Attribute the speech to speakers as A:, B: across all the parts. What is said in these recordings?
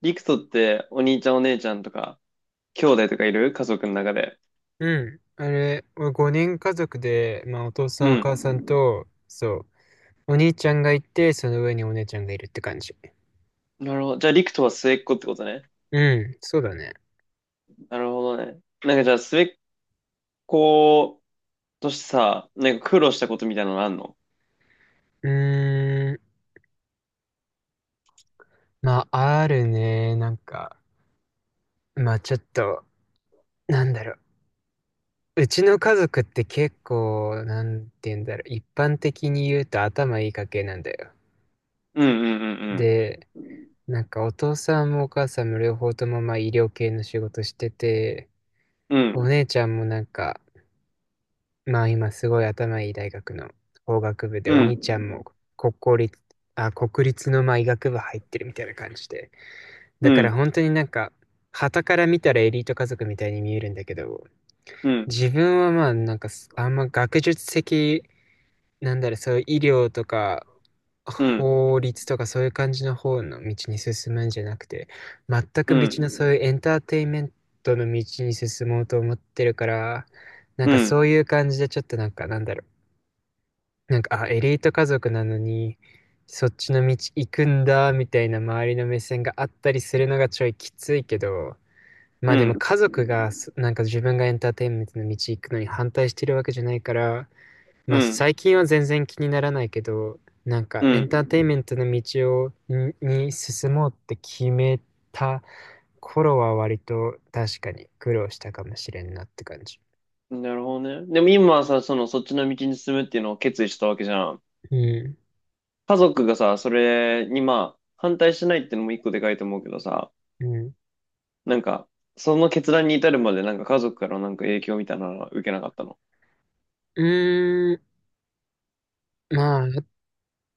A: リクトってお兄ちゃんお姉ちゃんとか、兄弟とかいる家族の中で。
B: うん。あれ、5人家族で、まあ、お父さ
A: う
B: んお母さん
A: ん。
B: と、そう、お兄ちゃんがいて、その上にお姉ちゃんがいるって感じ。
A: なるほど。じゃあ、リクトは末っ子ってことね。
B: うん、そうだね。
A: なるほどね。なんかじゃあ、末っ子としてさ、なんか苦労したことみたいなのあんの？
B: うーん、まあ、あるね。なんか、まあ、ちょっと、なんだろう。うちの家族って結構、なんて言うんだろう。一般的に言うと頭いい家系なんだよ。
A: うん、うん、
B: で、なんかお父さんもお母さんも両方ともまあ医療系の仕事してて、
A: うん、う
B: お
A: ん。
B: 姉ちゃんもなんか、まあ今すごい頭いい大学の法学部で、
A: う
B: お
A: ん。
B: 兄ちゃんも国公立、あ、国立のまあ医学部入ってるみたいな感じで。
A: う
B: だ
A: ん。
B: か
A: う
B: ら
A: ん。
B: 本当になんか、傍から見たらエリート家族みたいに見えるんだけど、
A: うん。
B: 自分はまあなんかあんま学術的、なんだろう、そういう医療とか、
A: うん。
B: 法律とかそういう感じの方の道に進むんじゃなくて、全
A: う
B: く別のそう
A: ん。
B: いうエンターテインメントの道に進もうと思ってるから、なん
A: う
B: かそう
A: ん。
B: いう感じでちょっとなんかなんだろう、なんか、あ、エリート家族なのに、そっちの道行くんだ、みたいな周りの目線があったりするのがちょいきついけど、ま
A: う
B: あでも
A: ん。
B: 家族がなんか自分がエンターテインメントの道行くのに反対してるわけじゃないから、
A: う
B: まあ
A: ん。
B: 最近は全然気にならないけど、なんか
A: う
B: エンターテイン
A: ん。
B: メントの道に進もうって決めた頃は割と確かに苦労したかもしれんなって感じ。
A: なるほどね。でも今はさ、その、そっちの道に進むっていうのを決意したわけじゃん。
B: うん。
A: 家族がさ、それにまあ、反対しないってのも一個でかいと思うけどさ、
B: うん。
A: なんか、その決断に至るまでなんか家族からなんか影響みたいなのは受けなかったの？
B: うーん。まあ、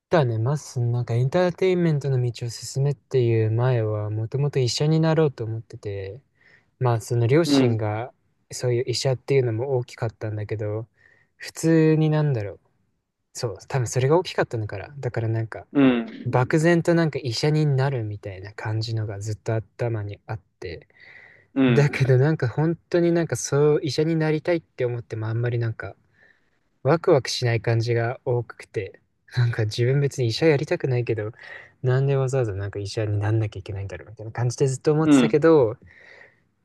B: だね、まず、なんかエンターテインメントの道を進めっていう前は、もともと医者になろうと思ってて、まあ、その両
A: う
B: 親
A: ん、
B: が、そういう医者っていうのも大きかったんだけど、普通になんだろう。そう、多分それが大きかったのから。だからなんか、
A: うん、
B: 漠然となんか医者になるみたいな感じのがずっと頭にあって。
A: う
B: だけ
A: ん、
B: どなんか本当になんかそう、医者になりたいって思ってもあんまりなんか、ワクワクしない感じが多くて、なんか自分別に医者やりたくないけど、なんでわざわざなんか医者になんなきゃいけないんだろうみたいな感じでずっと思っ
A: う
B: てた
A: ん、
B: けど、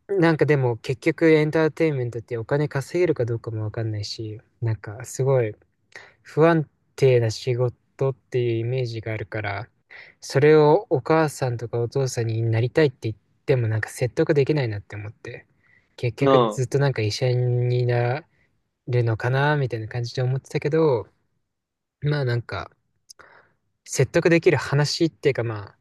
B: なんかでも結局エンターテインメントってお金稼げるかどうかもわかんないし、なんかすごい不安定な仕事っていうイメージがあるから、それをお母さんとかお父さんになりたいって言ってもなんか説得できないなって思って、結局
A: な
B: ず
A: あ、
B: っとなんか医者になれるのかなみたいな感じで思ってたけど、まあなんか、説得できる話っていうかまあ、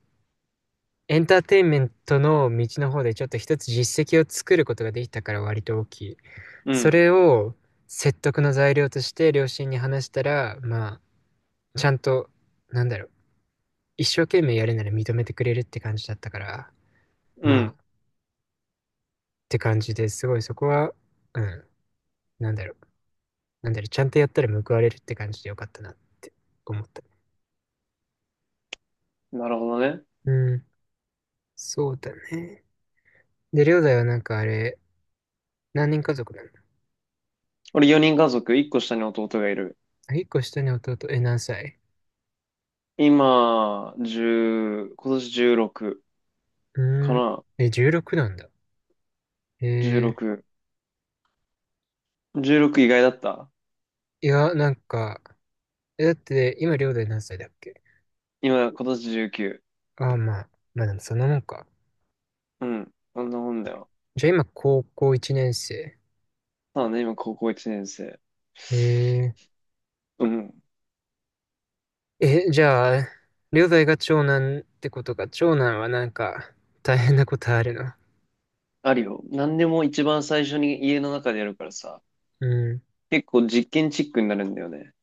B: エンターテインメントの道の方でちょっと一つ実績を作ることができたから割と大きい。
A: う
B: そ
A: ん、
B: れを説得の材料として両親に話したら、まあ、ちゃんと、なんだろう、一生懸命やるなら認めてくれるって感じだったから、
A: う
B: まあ、っ
A: ん。
B: て感じですごいそこは、うん、なんだろう、なんだろう、ちゃんとやったら報われるって感じでよかったなって思った。
A: なるほどね。
B: うん、そうだね。で、りょうだいはなんかあれ、何人家族なんだ？
A: 俺4人家族、1個下に弟がいる。
B: あ、一個下に弟、え、何歳？
A: 今、10、今年16
B: う
A: か
B: ーん。
A: な？
B: え、16なんだ。え
A: 16。16意外だった？
B: いや、なんか、え、だって、今、両弟何歳だっけ？
A: 今、今年19。
B: あ、まあ、まあでもそんなもんか。
A: うん。そんなもんだよ。
B: じゃあ今、高校1年生。
A: まあね、今高校1年生。
B: え
A: うん。
B: え、じゃあ、両弟が長男ってことか、長男はなんか、大変なことあるの？
A: あるよ。何でも一番最初に家の中でやるからさ。
B: うん、
A: 結構実験チックになるんだよね。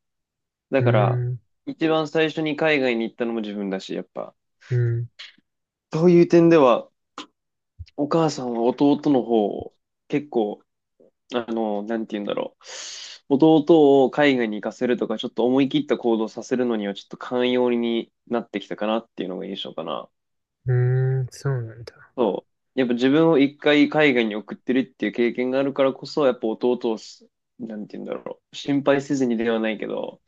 A: だ
B: う
A: から、
B: ん、
A: 一番最初に海外に行ったのも自分だし、やっぱ。
B: うん、
A: そういう点では、お母さんは弟の方を結構、あの、なんて言うんだろう。弟を海外に行かせるとか、ちょっと思い切った行動させるのには、ちょっと寛容になってきたかなっていうのが印象かな。
B: うん、そうなんだ。
A: そう。やっぱ自分を一回海外に送ってるっていう経験があるからこそ、やっぱ弟をなんて言うんだろう。心配せずにではないけど、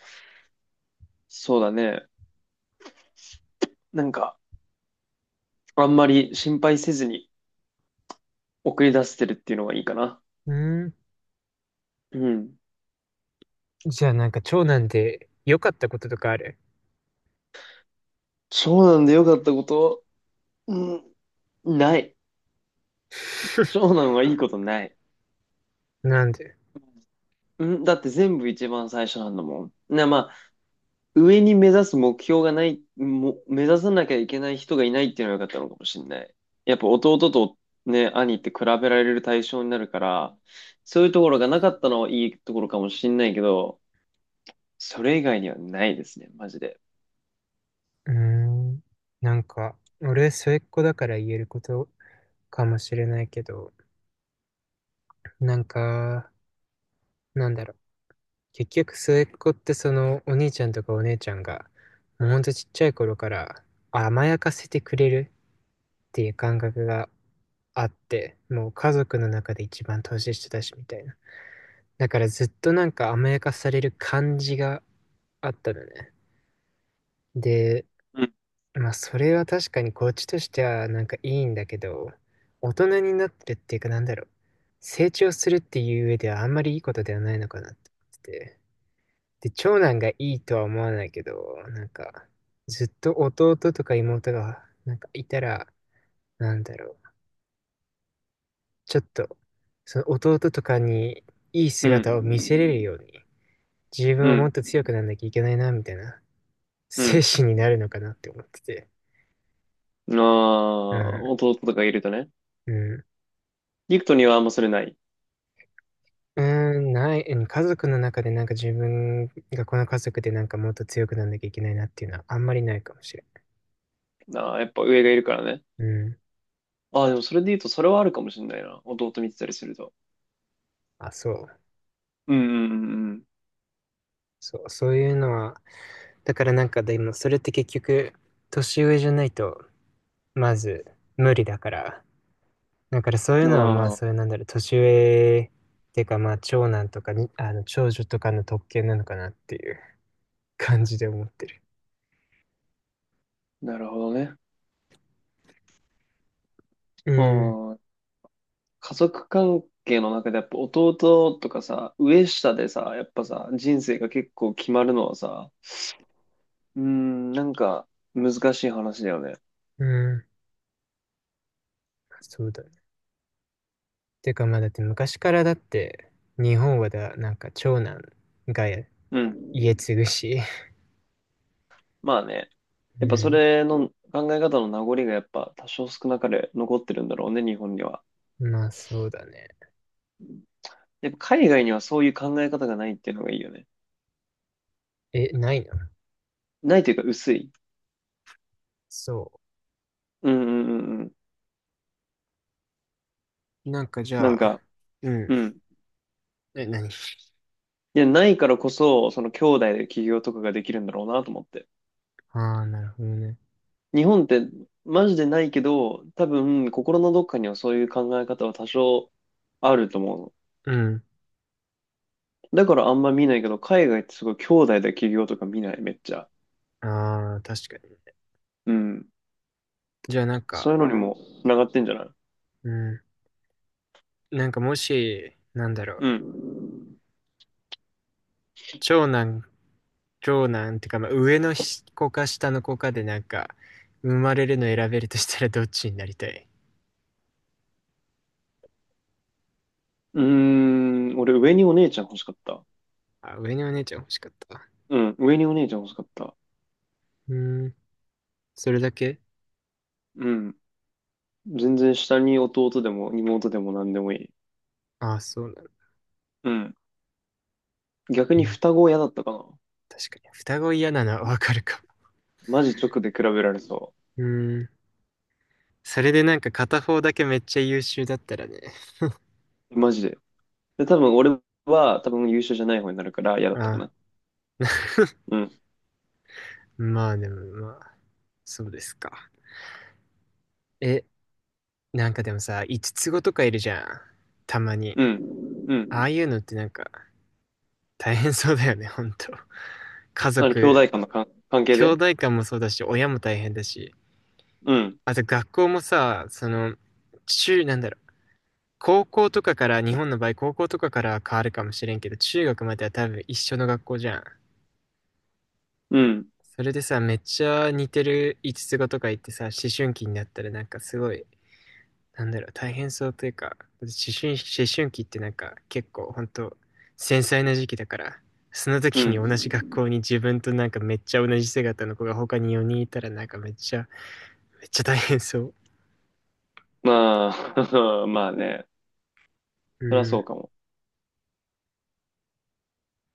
A: そうだね。なんか、あんまり心配せずに送り出せてるっていうのがいいかな。
B: うん、
A: うん。
B: じゃあなんか、長男で良かったこととかある？
A: 長男で良かったこと、うん、ない。長男はいいことない。
B: なんで？
A: うん、だって全部一番最初なんだもん。まあ、上に目指す目標がない、目指さなきゃいけない人がいないっていうのが良かったのかもしれない。やっぱ弟とね、兄って比べられる対象になるから、そういうところがなかったのはいいところかもしれないけど、それ以外にはないですね、マジで。
B: うーん。なんか、俺、末っ子だから言えることかもしれないけど、なんか、なんだろう。結局、末っ子ってその、お兄ちゃんとかお姉ちゃんが、もうほんとちっちゃい頃から甘やかせてくれるっていう感覚があって、もう家族の中で一番年下だし、みたいな。だからずっとなんか甘やかされる感じがあったのね。で、
A: うん、
B: まあ、それは確かにこっちとしてはなんかいいんだけど、大人になってるっていうかなんだろう。成長するっていう上ではあんまりいいことではないのかなって思ってて。で、長男がいいとは思わないけど、なんか、ずっと弟とか妹がなんかいたら、なんだろう。ちょっと、その弟とかにいい
A: うん、
B: 姿を見せれるように、自分
A: う
B: はもっ
A: ん、
B: と強くなんなきゃいけないな、みたいな
A: う
B: 精
A: ん。
B: 神になるのかなって思ってて。
A: あ
B: う
A: あ、
B: ん。
A: 弟とかいるとね。
B: うん。
A: リクトにはあんまそれない。
B: うーん、ない、うん、家族の中でなんか自分がこの家族でなんかもっと強くなんなきゃいけないなっていうのはあんまりないかもしれ
A: ああ、やっぱ上がいるからね。
B: ん。うん。
A: ああ、でもそれで言うとそれはあるかもしれないな。弟見てたりすると。
B: あ、そう。
A: うん、うん、うん、
B: そう、そういうのは、だからなんかでもそれって結局、年上じゃないと、まず無理だから。だからそうい
A: う
B: うのはまあ、
A: ん。ああ、
B: そういうなんだろう、年上っていうかまあ、長男とかに、あの、長女とかの特権なのかなっていう感じで思ってる。
A: なるほどね。
B: う
A: あ
B: ん、
A: あ、家族関係の中でやっぱ弟とかさ、上下でさ、やっぱさ、人生が結構決まるのはさ、うん、なんか難しい話だよね。
B: うん、そうだね。てかまあだって昔からだって日本はだなんか長男が
A: うん。
B: 家継ぐし、
A: まあね。
B: う
A: やっぱそ
B: ん、
A: れの考え方の名残がやっぱ多少少なかれ残ってるんだろうね、日本には。
B: まあそうだね。
A: やっぱ海外にはそういう考え方がないっていうのがいいよね。
B: え、ないの？
A: ないというか薄い。
B: そ
A: うん、うん、うん、うん。
B: う。なんかじ
A: な
B: ゃ
A: ん
B: あ、
A: か、
B: うん。
A: うん。
B: え、何？
A: いや、ないからこそ、その兄弟で起業とかができるんだろうなと思って。
B: ああ、なるほどね。
A: 日本ってマジでないけど、多分心のどっかにはそういう考え方は多少あると思うの。
B: うん。
A: だからあんま見ないけど、海外ってすごい兄弟で起業とか見ない、めっちゃ。
B: ああ、確かに。
A: うん。
B: じゃあなんか、
A: そういうのにも繋がってんじゃない？
B: うん。なんかもし、なんだろう。
A: うん。
B: 長男、長男ってか、まあ、上の子か下の子かでなんか、生まれるの選べるとしたらどっちになりたい？
A: うーん、俺上にお姉ちゃん欲しかった。
B: あ、上のお姉ちゃん欲しかった。
A: うん、上にお姉ちゃん欲しかった。
B: うん。それだけ？
A: うん。全然下に弟でも妹でも何でもいい。
B: ああ、そうなの。
A: うん。逆
B: う
A: に
B: ん。
A: 双子は嫌だったかな。
B: 確かに。双子嫌なのはわかるかも。
A: マジ直で比べられそ
B: うーん。それでなんか片方だけめっちゃ優秀だったらね。
A: う。マジで。で、多分俺は多分優秀じゃない方になるから嫌だったか
B: ああ、
A: な。うん。
B: まあでもまあ、そうですか。え、なんかでもさ、五つ子とかいるじゃん。たまに。
A: うん。う
B: あ
A: ん。
B: あいうのってなんか大変そうだよね、ほんと。家
A: あの、兄弟
B: 族、
A: 間の関係
B: 兄
A: で。
B: 弟間もそうだし、親も大変だし。
A: うん。
B: あと学校もさ、その、なんだろう高校とかから、日本の場合、高校とかからは変わるかもしれんけど、中学までは多分一緒の学校じゃん。
A: うん。
B: それでさ、めっちゃ似てる五つ子とか言ってさ、思春期になったらなんかすごい、なんだろう、大変そうというか、思春期ってなんか結構ほんと繊細な時期だから、その
A: う
B: 時に同じ学
A: ん。
B: 校に自分となんかめっちゃ同じ姿の子が他に4人いたらなんかめっちゃ、めっちゃ大変そう。
A: まあ、まあね。
B: う
A: そりゃそ
B: ん。
A: うかも。